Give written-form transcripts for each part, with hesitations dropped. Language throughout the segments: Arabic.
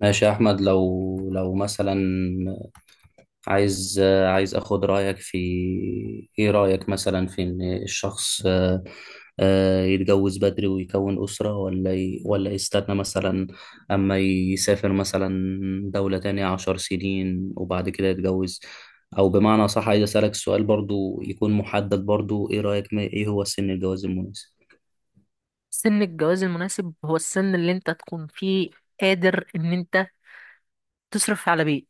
ماشي يا احمد، لو مثلا عايز عايز اخد رايك في، ايه رايك مثلا في ان الشخص يتجوز بدري ويكون اسره، ولا ولا يستنى مثلا اما يسافر مثلا دوله تانية 10 سنين وبعد كده يتجوز. او بمعنى صح، عايز اسالك سؤال برضو يكون محدد برضو: ايه رايك ايه هو سن الجواز المناسب؟ سن الجواز المناسب هو السن اللي انت تكون فيه قادر ان انت تصرف على بيت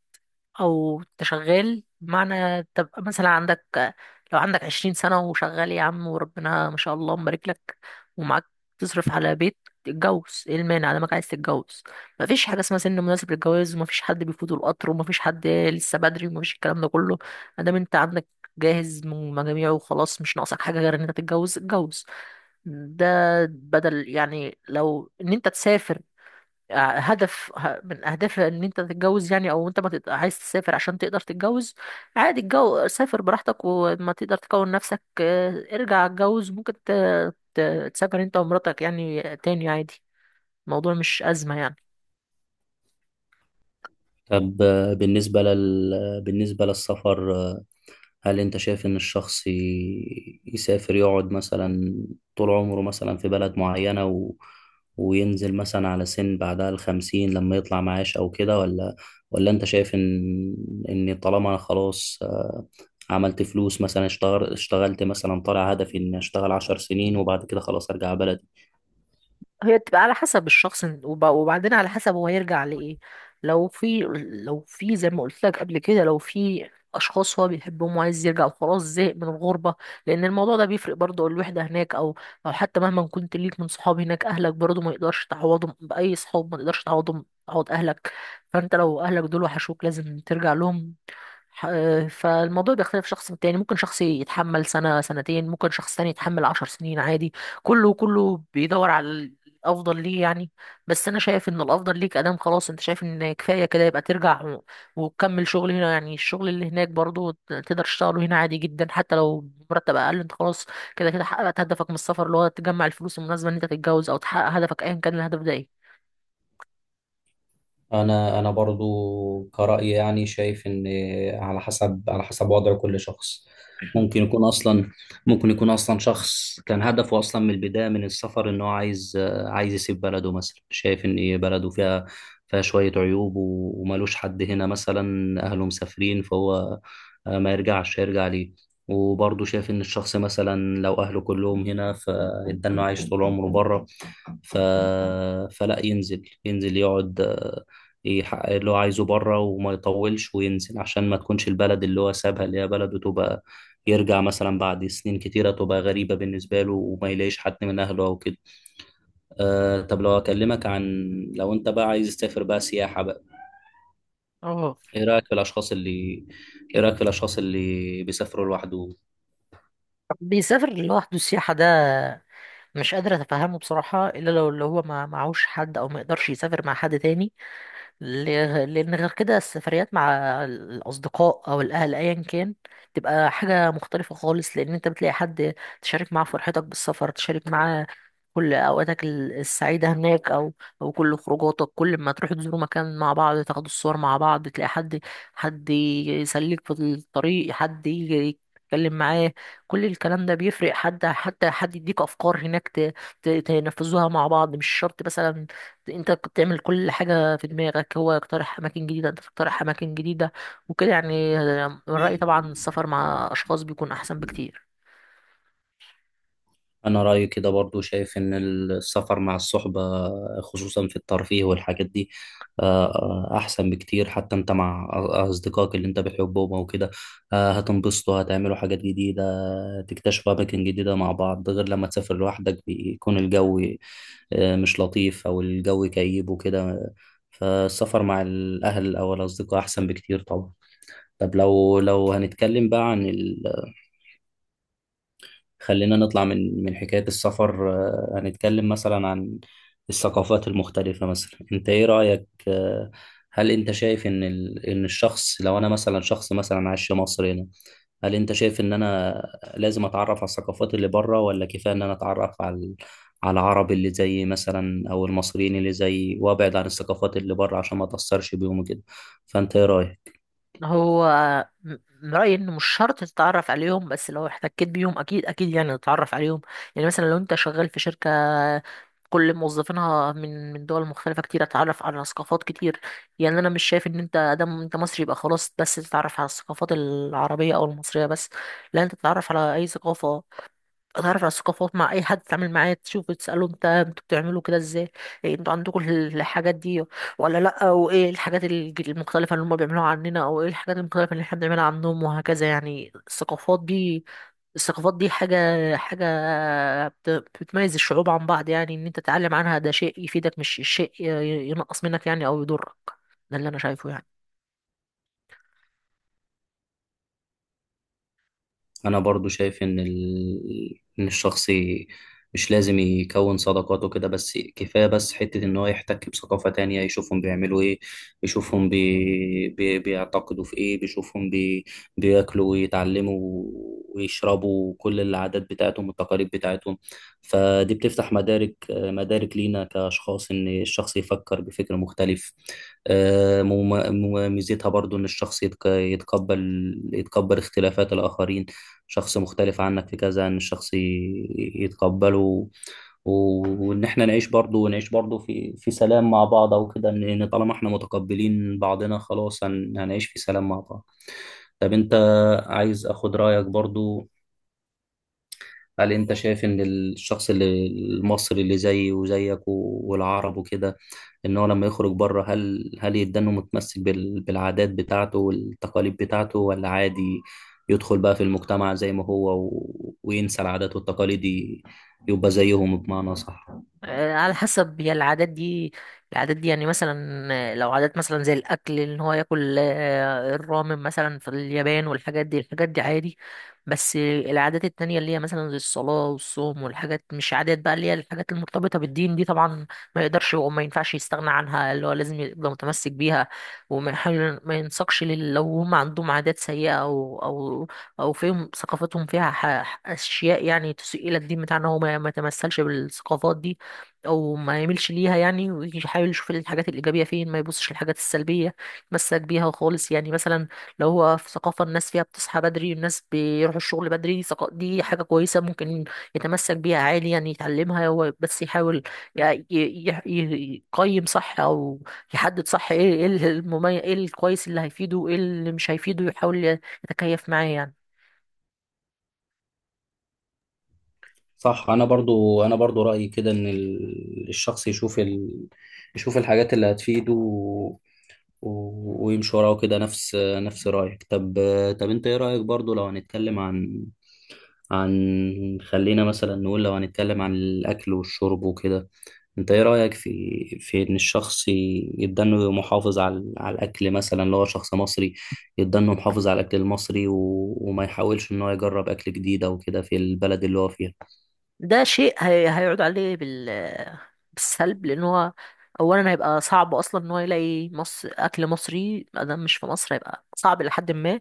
او تشغال، بمعنى تبقى مثلا عندك. لو عندك 20 سنة وشغال يا عم وربنا ما شاء الله مبارك لك ومعاك تصرف على بيت، تتجوز. ايه المانع لما عايز تتجوز؟ مفيش حاجة اسمها سن مناسب للجواز، ومفيش حد بيفوته القطر، ومفيش حد لسه بدري، ومفيش الكلام ده كله. ادام انت عندك جاهز من مجاميعه وخلاص مش ناقصك حاجة غير ان انت تتجوز، اتجوز. ده بدل يعني لو ان انت تسافر من اهداف ان انت تتجوز يعني، او انت ما تت- عايز تسافر عشان تقدر تتجوز. عادي، الجو سافر براحتك، وما تقدر تكون نفسك ارجع اتجوز. ممكن تسافر انت ومراتك يعني تاني عادي. الموضوع مش ازمة يعني. طب بالنسبه للسفر، هل انت شايف ان الشخص يسافر يقعد مثلا طول عمره مثلا في بلد معينة، وينزل مثلا على سن بعدها الخمسين لما يطلع معاش او كده؟ ولا انت شايف ان طالما انا خلاص، عملت فلوس مثلا، اشتغلت مثلا، طالع هدفي اني اشتغل 10 سنين وبعد كده خلاص ارجع بلدي؟ هي بتبقى على حسب الشخص وبعدين على حسب هو يرجع لإيه. لو في لو في زي ما قلت لك قبل كده، لو في أشخاص هو بيحبهم وعايز يرجع وخلاص زهق من الغربة، لأن الموضوع ده بيفرق برضه. الوحدة هناك، أو حتى مهما كنت ليك من صحاب هناك، أهلك برضه ما يقدرش تعوضهم بأي صحاب. ما تقدرش تعوضهم، تعوض أهلك. فأنت لو أهلك دول وحشوك لازم ترجع لهم. فالموضوع بيختلف شخص من تاني. ممكن شخص يتحمل سنة سنتين، ممكن شخص تاني يتحمل 10 سنين عادي. كله كله بيدور على الأفضل ليه يعني. بس أنا شايف إن الأفضل ليك أدام خلاص أنت شايف إن كفاية كده، يبقى ترجع وتكمل شغل هنا يعني. الشغل اللي هناك برضو تقدر تشتغله هنا عادي جدا، حتى لو مرتب أقل. أنت خلاص كده كده حققت هدفك من السفر، اللي هو تجمع الفلوس المناسبة إن أنت تتجوز، أو تحقق هدفك أيا كان الهدف ده إيه. انا برضو كرأي يعني شايف ان، على حسب، وضع كل شخص. ممكن يكون اصلا ممكن يكون اصلا شخص كان هدفه اصلا من البداية من السفر ان هو عايز، يسيب بلده مثلا، شايف ان بلده فيها، شوية عيوب وملوش حد هنا مثلا، اهله مسافرين، فهو ما يرجعش، هيرجع ليه؟ وبرضه شايف ان الشخص مثلا لو اهله كلهم هنا فده انه عايش طول عمره بره. ف... فلا ينزل، يقعد يحقق اللي هو عايزه بره وما يطولش وينزل، عشان ما تكونش البلد اللي هو سابها اللي هي بلده تبقى يرجع مثلا بعد سنين كتيرة تبقى غريبة بالنسبة له وما يلاقيش حد من أهله أو كده. أه. طب لو أكلمك عن لو أنت بقى عايز تسافر بقى سياحة بقى، اه. إيه رأيك في الأشخاص اللي إيه رأيك في الأشخاص اللي بيسافروا لوحدهم؟ بيسافر لوحده السياحة ده مش قادر اتفهمه بصراحة، الا لو اللي هو ما معهوش حد او ما يقدرش يسافر مع حد تاني. لأن غير كده السفريات مع الأصدقاء أو الأهل أيا كان تبقى حاجة مختلفة خالص، لأن أنت بتلاقي حد تشارك معاه فرحتك بالسفر، تشارك معاه كل أوقاتك السعيدة هناك، أو كل خروجاتك. كل ما تروح تزوروا مكان مع بعض، تاخدوا الصور مع بعض، تلاقي حد، حد يسليك في الطريق، حد يجي يتكلم معاه. كل الكلام ده بيفرق. حد حتى حد يديك أفكار هناك تنفذوها مع بعض. مش شرط مثلا انت كنت تعمل كل حاجة في دماغك، هو يقترح أماكن جديدة، انت تقترح أماكن جديدة، وكده يعني. من رأيي طبعا السفر مع أشخاص بيكون أحسن بكتير. أنا رأيي كده برضو، شايف إن السفر مع الصحبة، خصوصا في الترفيه والحاجات دي، أحسن بكتير. حتى أنت مع أصدقائك اللي أنت بتحبهم أو كده، هتنبسطوا، هتعملوا حاجات جديدة، تكتشفوا أماكن جديدة مع بعض. غير لما تسافر لوحدك، بيكون الجو مش لطيف أو الجو كئيب وكده. فالسفر مع الأهل أو الأصدقاء أحسن بكتير طبعا. طب لو هنتكلم بقى عن، خلينا نطلع من حكاية السفر. هنتكلم مثلا عن الثقافات المختلفة. مثلا انت ايه رأيك؟ هل انت شايف ان ان الشخص، لو انا مثلا شخص مثلا عايش في مصر هنا، هل انت شايف ان انا لازم اتعرف على الثقافات اللي بره، ولا كفاية ان انا اتعرف على على العرب اللي زي مثلا او المصريين اللي زي، وابعد عن الثقافات اللي بره عشان ما اتأثرش بيهم كده؟ فانت ايه رأيك؟ هو م- من رأيي إن مش شرط تتعرف عليهم، بس لو احتكيت بيهم أكيد أكيد يعني تتعرف عليهم. يعني مثلا لو أنت شغال في شركة كل موظفينها من دول مختلفة كتير، اتعرف على ثقافات كتير. يعني انا مش شايف ان انت ادم انت مصري يبقى خلاص بس تتعرف على الثقافات العربية او المصرية بس. لا، انت تتعرف على اي ثقافة. اتعرف على الثقافات مع اي حد تتعامل معاه، تشوفه تساله انت انتوا بتعملوا كده ازاي؟ إيه انتوا عندكم الحاجات دي ولا لا؟ وايه الحاجات المختلفه اللي هم بيعملوها عننا، او ايه الحاجات المختلفه اللي احنا بنعملها عنهم، وهكذا يعني. الثقافات دي، الثقافات دي حاجه، حاجه بت- بتميز الشعوب عن بعض. يعني ان انت تتعلم عنها ده شيء يفيدك، مش شيء ينقص منك يعني او يضرك. ده اللي انا شايفه يعني. انا برضو شايف ان ان الشخص مش لازم يكون صداقاته كده بس، كفايه بس حته ان هو يحتك بثقافه تانية، يشوفهم بيعملوا ايه، يشوفهم بيعتقدوا في ايه، بيشوفهم بياكلوا ويتعلموا ويشربوا، كل العادات بتاعتهم والتقاليد بتاعتهم. فدي بتفتح مدارك لينا كاشخاص، ان الشخص يفكر بفكر مختلف. ميزتها برضو ان الشخص يتقبل اختلافات الاخرين. شخص مختلف عنك في كذا، ان الشخص يتقبله، وان احنا نعيش برضو، ونعيش برضو في سلام مع بعض او كده، ان طالما احنا متقبلين بعضنا خلاص هنعيش في سلام مع بعض. طب انت، عايز اخد رايك برضو. هل انت شايف ان الشخص المصري اللي زيي وزيك والعرب وكده، ان هو لما يخرج بره، هل يدانه متمسك بالعادات بتاعته والتقاليد بتاعته، ولا عادي يدخل بقى في المجتمع زي ما هو، وينسى العادات والتقاليد، يبقى زيهم بمعنى صح؟ على حسب هي العادات دي. العادات دي يعني مثلا لو عادات مثلا زي الاكل ان هو ياكل الرامن مثلا في اليابان والحاجات دي، الحاجات دي عادي. بس العادات التانية اللي هي مثلا زي الصلاة والصوم والحاجات، مش عادات بقى، اللي هي الحاجات المرتبطة بالدين دي طبعا ما يقدرش وما ينفعش يستغنى عنها، اللي هو لازم يبقى متمسك بيها. وما يحاول ما ينساقش لو هم عندهم عادات سيئة، او فيهم ثقافتهم فيها اشياء يعني تسيء الى الدين بتاعنا، هو ما يتمثلش بالثقافات دي او ما يميلش ليها يعني، ويحاول يشوف الحاجات الايجابيه فين، ما يبصش للحاجات السلبيه يتمسك بيها خالص. يعني مثلا لو هو في ثقافه الناس فيها بتصحى بدري، والناس بيروحوا الشغل بدري، دي دي حاجه كويسه ممكن يتمسك بيها عالي يعني، يتعلمها هو بس يحاول ي- ي- يقيم صح، او يحدد صح ايه، ايه المميز، ايه الكويس اللي هيفيده وايه اللي مش هيفيده، يحاول يتكيف معاه يعني. صح. انا برضو رأيي كده، ان الشخص يشوف يشوف الحاجات اللي هتفيده ويمشي وراه كده، نفس رأيك. طب انت ايه رأيك برضو، لو هنتكلم عن، خلينا مثلا نقول لو هنتكلم عن الأكل والشرب وكده، انت ايه رأيك في ان الشخص يبقى انه محافظ على الاكل؟ مثلا لو هو شخص مصري يبقى انه محافظ على الاكل المصري وما يحاولش ان هو يجرب اكل جديد او كده في البلد اللي هو فيها؟ ده شيء هيعود عليه بالسلب، لان هو اولا هيبقى صعب اصلا ان هو يلاقي مصر اكل مصري ما دام مش في مصر، هيبقى صعب لحد ما،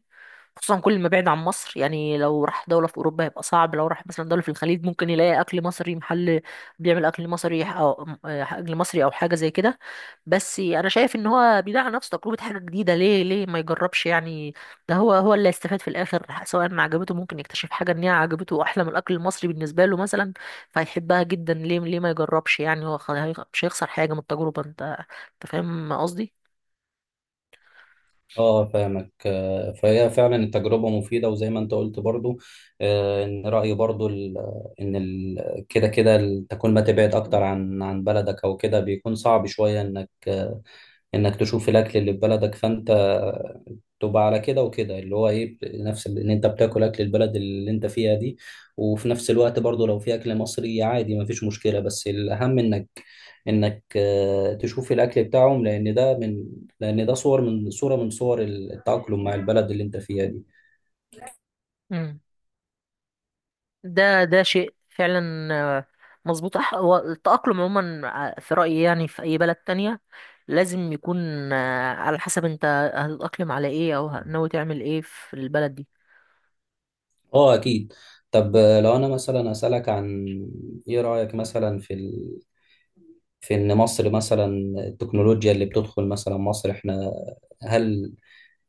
خصوصا كل ما بعيد عن مصر. يعني لو راح دولة في أوروبا هيبقى صعب. لو راح مثلا دولة في الخليج ممكن يلاقي أكل مصري، محل بيعمل أكل مصري أو أكل مصري أو حاجة زي كده. بس أنا شايف إن هو بيدعي على نفسه تجربة حاجة جديدة. ليه ليه ما يجربش يعني؟ ده هو هو اللي هيستفاد في الآخر. سواء ما عجبته، ممكن يكتشف حاجة إن هي عجبته أحلى من الأكل المصري بالنسبة له مثلا، فهيحبها جدا. ليه ليه ما يجربش يعني؟ هو مش هيخسر حاجة من التجربة. انت فاهم قصدي. اه، فاهمك. فهي فعلا التجربة مفيدة، وزي ما انت قلت برضو، ان رأيي برضو كده كده تكون، ما تبعد اكتر عن بلدك او كده، بيكون صعب شوية انك، انك تشوف الاكل اللي في بلدك. فانت تبقى على كده، وكده اللي هو ايه، نفس ان انت بتاكل اكل البلد اللي انت فيها دي. وفي نفس الوقت برضو، لو في اكل مصري عادي ما فيش مشكلة، بس الاهم انك، تشوف الاكل بتاعهم، لان ده من، لان ده صور من صور التأقلم مع البلد اللي انت فيها دي. مم. ده شيء فعلا آه، مظبوط. هو التأقلم عموما في رأيي يعني في أي بلد تانية لازم يكون على حسب انت هتتأقلم على ايه، او ناوي تعمل ايه في البلد دي. اه، اكيد. طب لو انا مثلا اسالك عن، ايه رايك مثلا في في ان مصر مثلا، التكنولوجيا اللي بتدخل مثلا مصر، احنا هل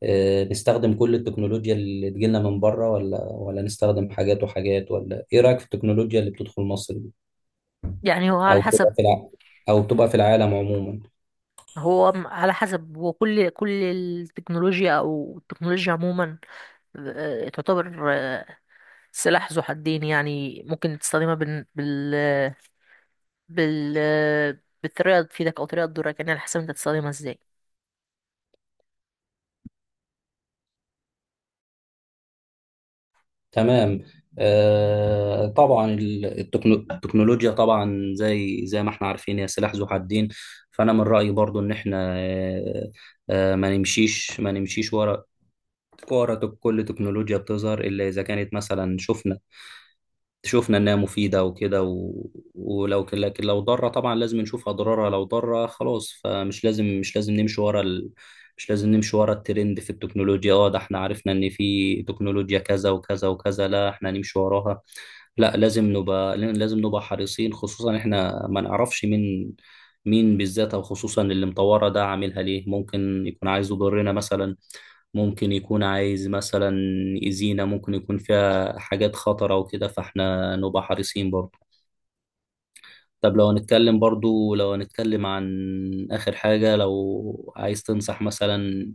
نستخدم كل التكنولوجيا اللي تجيلنا من بره، ولا نستخدم حاجات وحاجات، ولا ايه رايك في التكنولوجيا اللي بتدخل مصر دي، يعني هو على او بتبقى حسب. في الع... او بتبقى في العالم عموما؟ هو على حسب. وكل التكنولوجيا او التكنولوجيا عموما تعتبر سلاح ذو حدين يعني. ممكن تستخدمها بال بالطريقة اللي تفيدك، أو طريقة تضرك يعني. على حسب أنت تستخدمها ازاي. تمام. طبعا التكنولوجيا طبعا، زي ما احنا عارفين، هي سلاح ذو حدين. فانا من رأيي برضو ان احنا، ما نمشيش ورا، كل تكنولوجيا بتظهر، الا اذا كانت مثلا شفنا انها مفيده وكده ولو لكن لو ضاره طبعا لازم نشوف اضرارها. لو ضاره خلاص فمش لازم مش لازم نمشي ورا ال... مش لازم نمشي ورا الترند في التكنولوجيا. اه ده احنا عرفنا ان في تكنولوجيا كذا وكذا وكذا، لا احنا نمشي وراها. لا، لازم نبقى حريصين. خصوصا احنا ما نعرفش مين، بالذات او خصوصا اللي مطوره ده عاملها ليه. ممكن يكون عايز يضرنا مثلا، ممكن يكون عايز مثلا يأذينا، ممكن يكون فيها حاجات خطرة وكده، فاحنا نبقى حريصين برضو. طب لو هنتكلم عن آخر حاجة. لو عايز تنصح مثلا،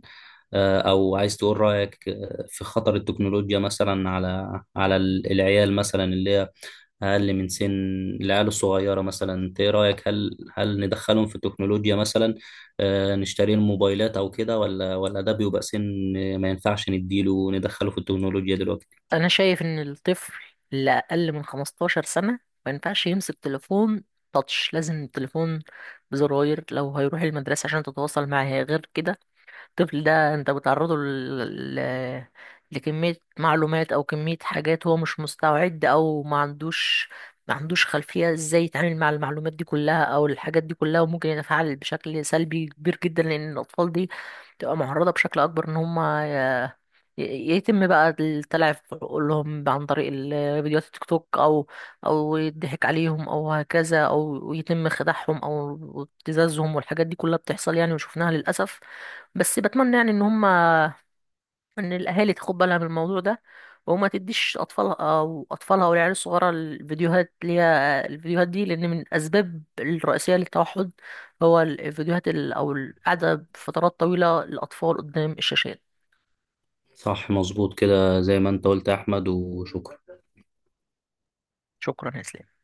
أو عايز تقول رأيك، في خطر التكنولوجيا مثلا على العيال مثلا، اللي هي أقل من سن، العيال الصغيرة مثلا. أنت إيه رأيك؟ هل ندخلهم في التكنولوجيا مثلا، نشتري لهم موبايلات أو كده؟ ولا ده بيبقى سن ما ينفعش ندخله في التكنولوجيا دلوقتي؟ أنا شايف إن الطفل اللي أقل من 15 سنة ما ينفعش يمسك تليفون تاتش. لازم التليفون بزراير لو هيروح المدرسة عشان تتواصل معاه. غير كده الطفل ده انت بتعرضه لكمية معلومات او كمية حاجات هو مش مستعد، او ما عندوش، ما عندوش خلفية ازاي يتعامل مع المعلومات دي كلها او الحاجات دي كلها، وممكن يتفاعل بشكل سلبي كبير جدا. لان الاطفال دي تبقى معرضة بشكل اكبر ان هم ي- يتم بقى التلعب في عقولهم عن طريق فيديوهات التيك توك، او او يضحك عليهم او هكذا، او يتم خداعهم او ابتزازهم والحاجات دي كلها بتحصل يعني وشفناها للاسف. بس بتمنى يعني ان هم، ان الاهالي تاخد بالها من الموضوع ده، وما تديش اطفالها او اطفالها والعيال الصغيره الفيديوهات اللي هي الفيديوهات دي، لان من الاسباب الرئيسيه للتوحد هو الفيديوهات او القعده فترات طويله للاطفال قدام الشاشات. صح، مظبوط كده، زي ما أنت قلت يا أحمد. وشكرا. شكرا يا اسلام.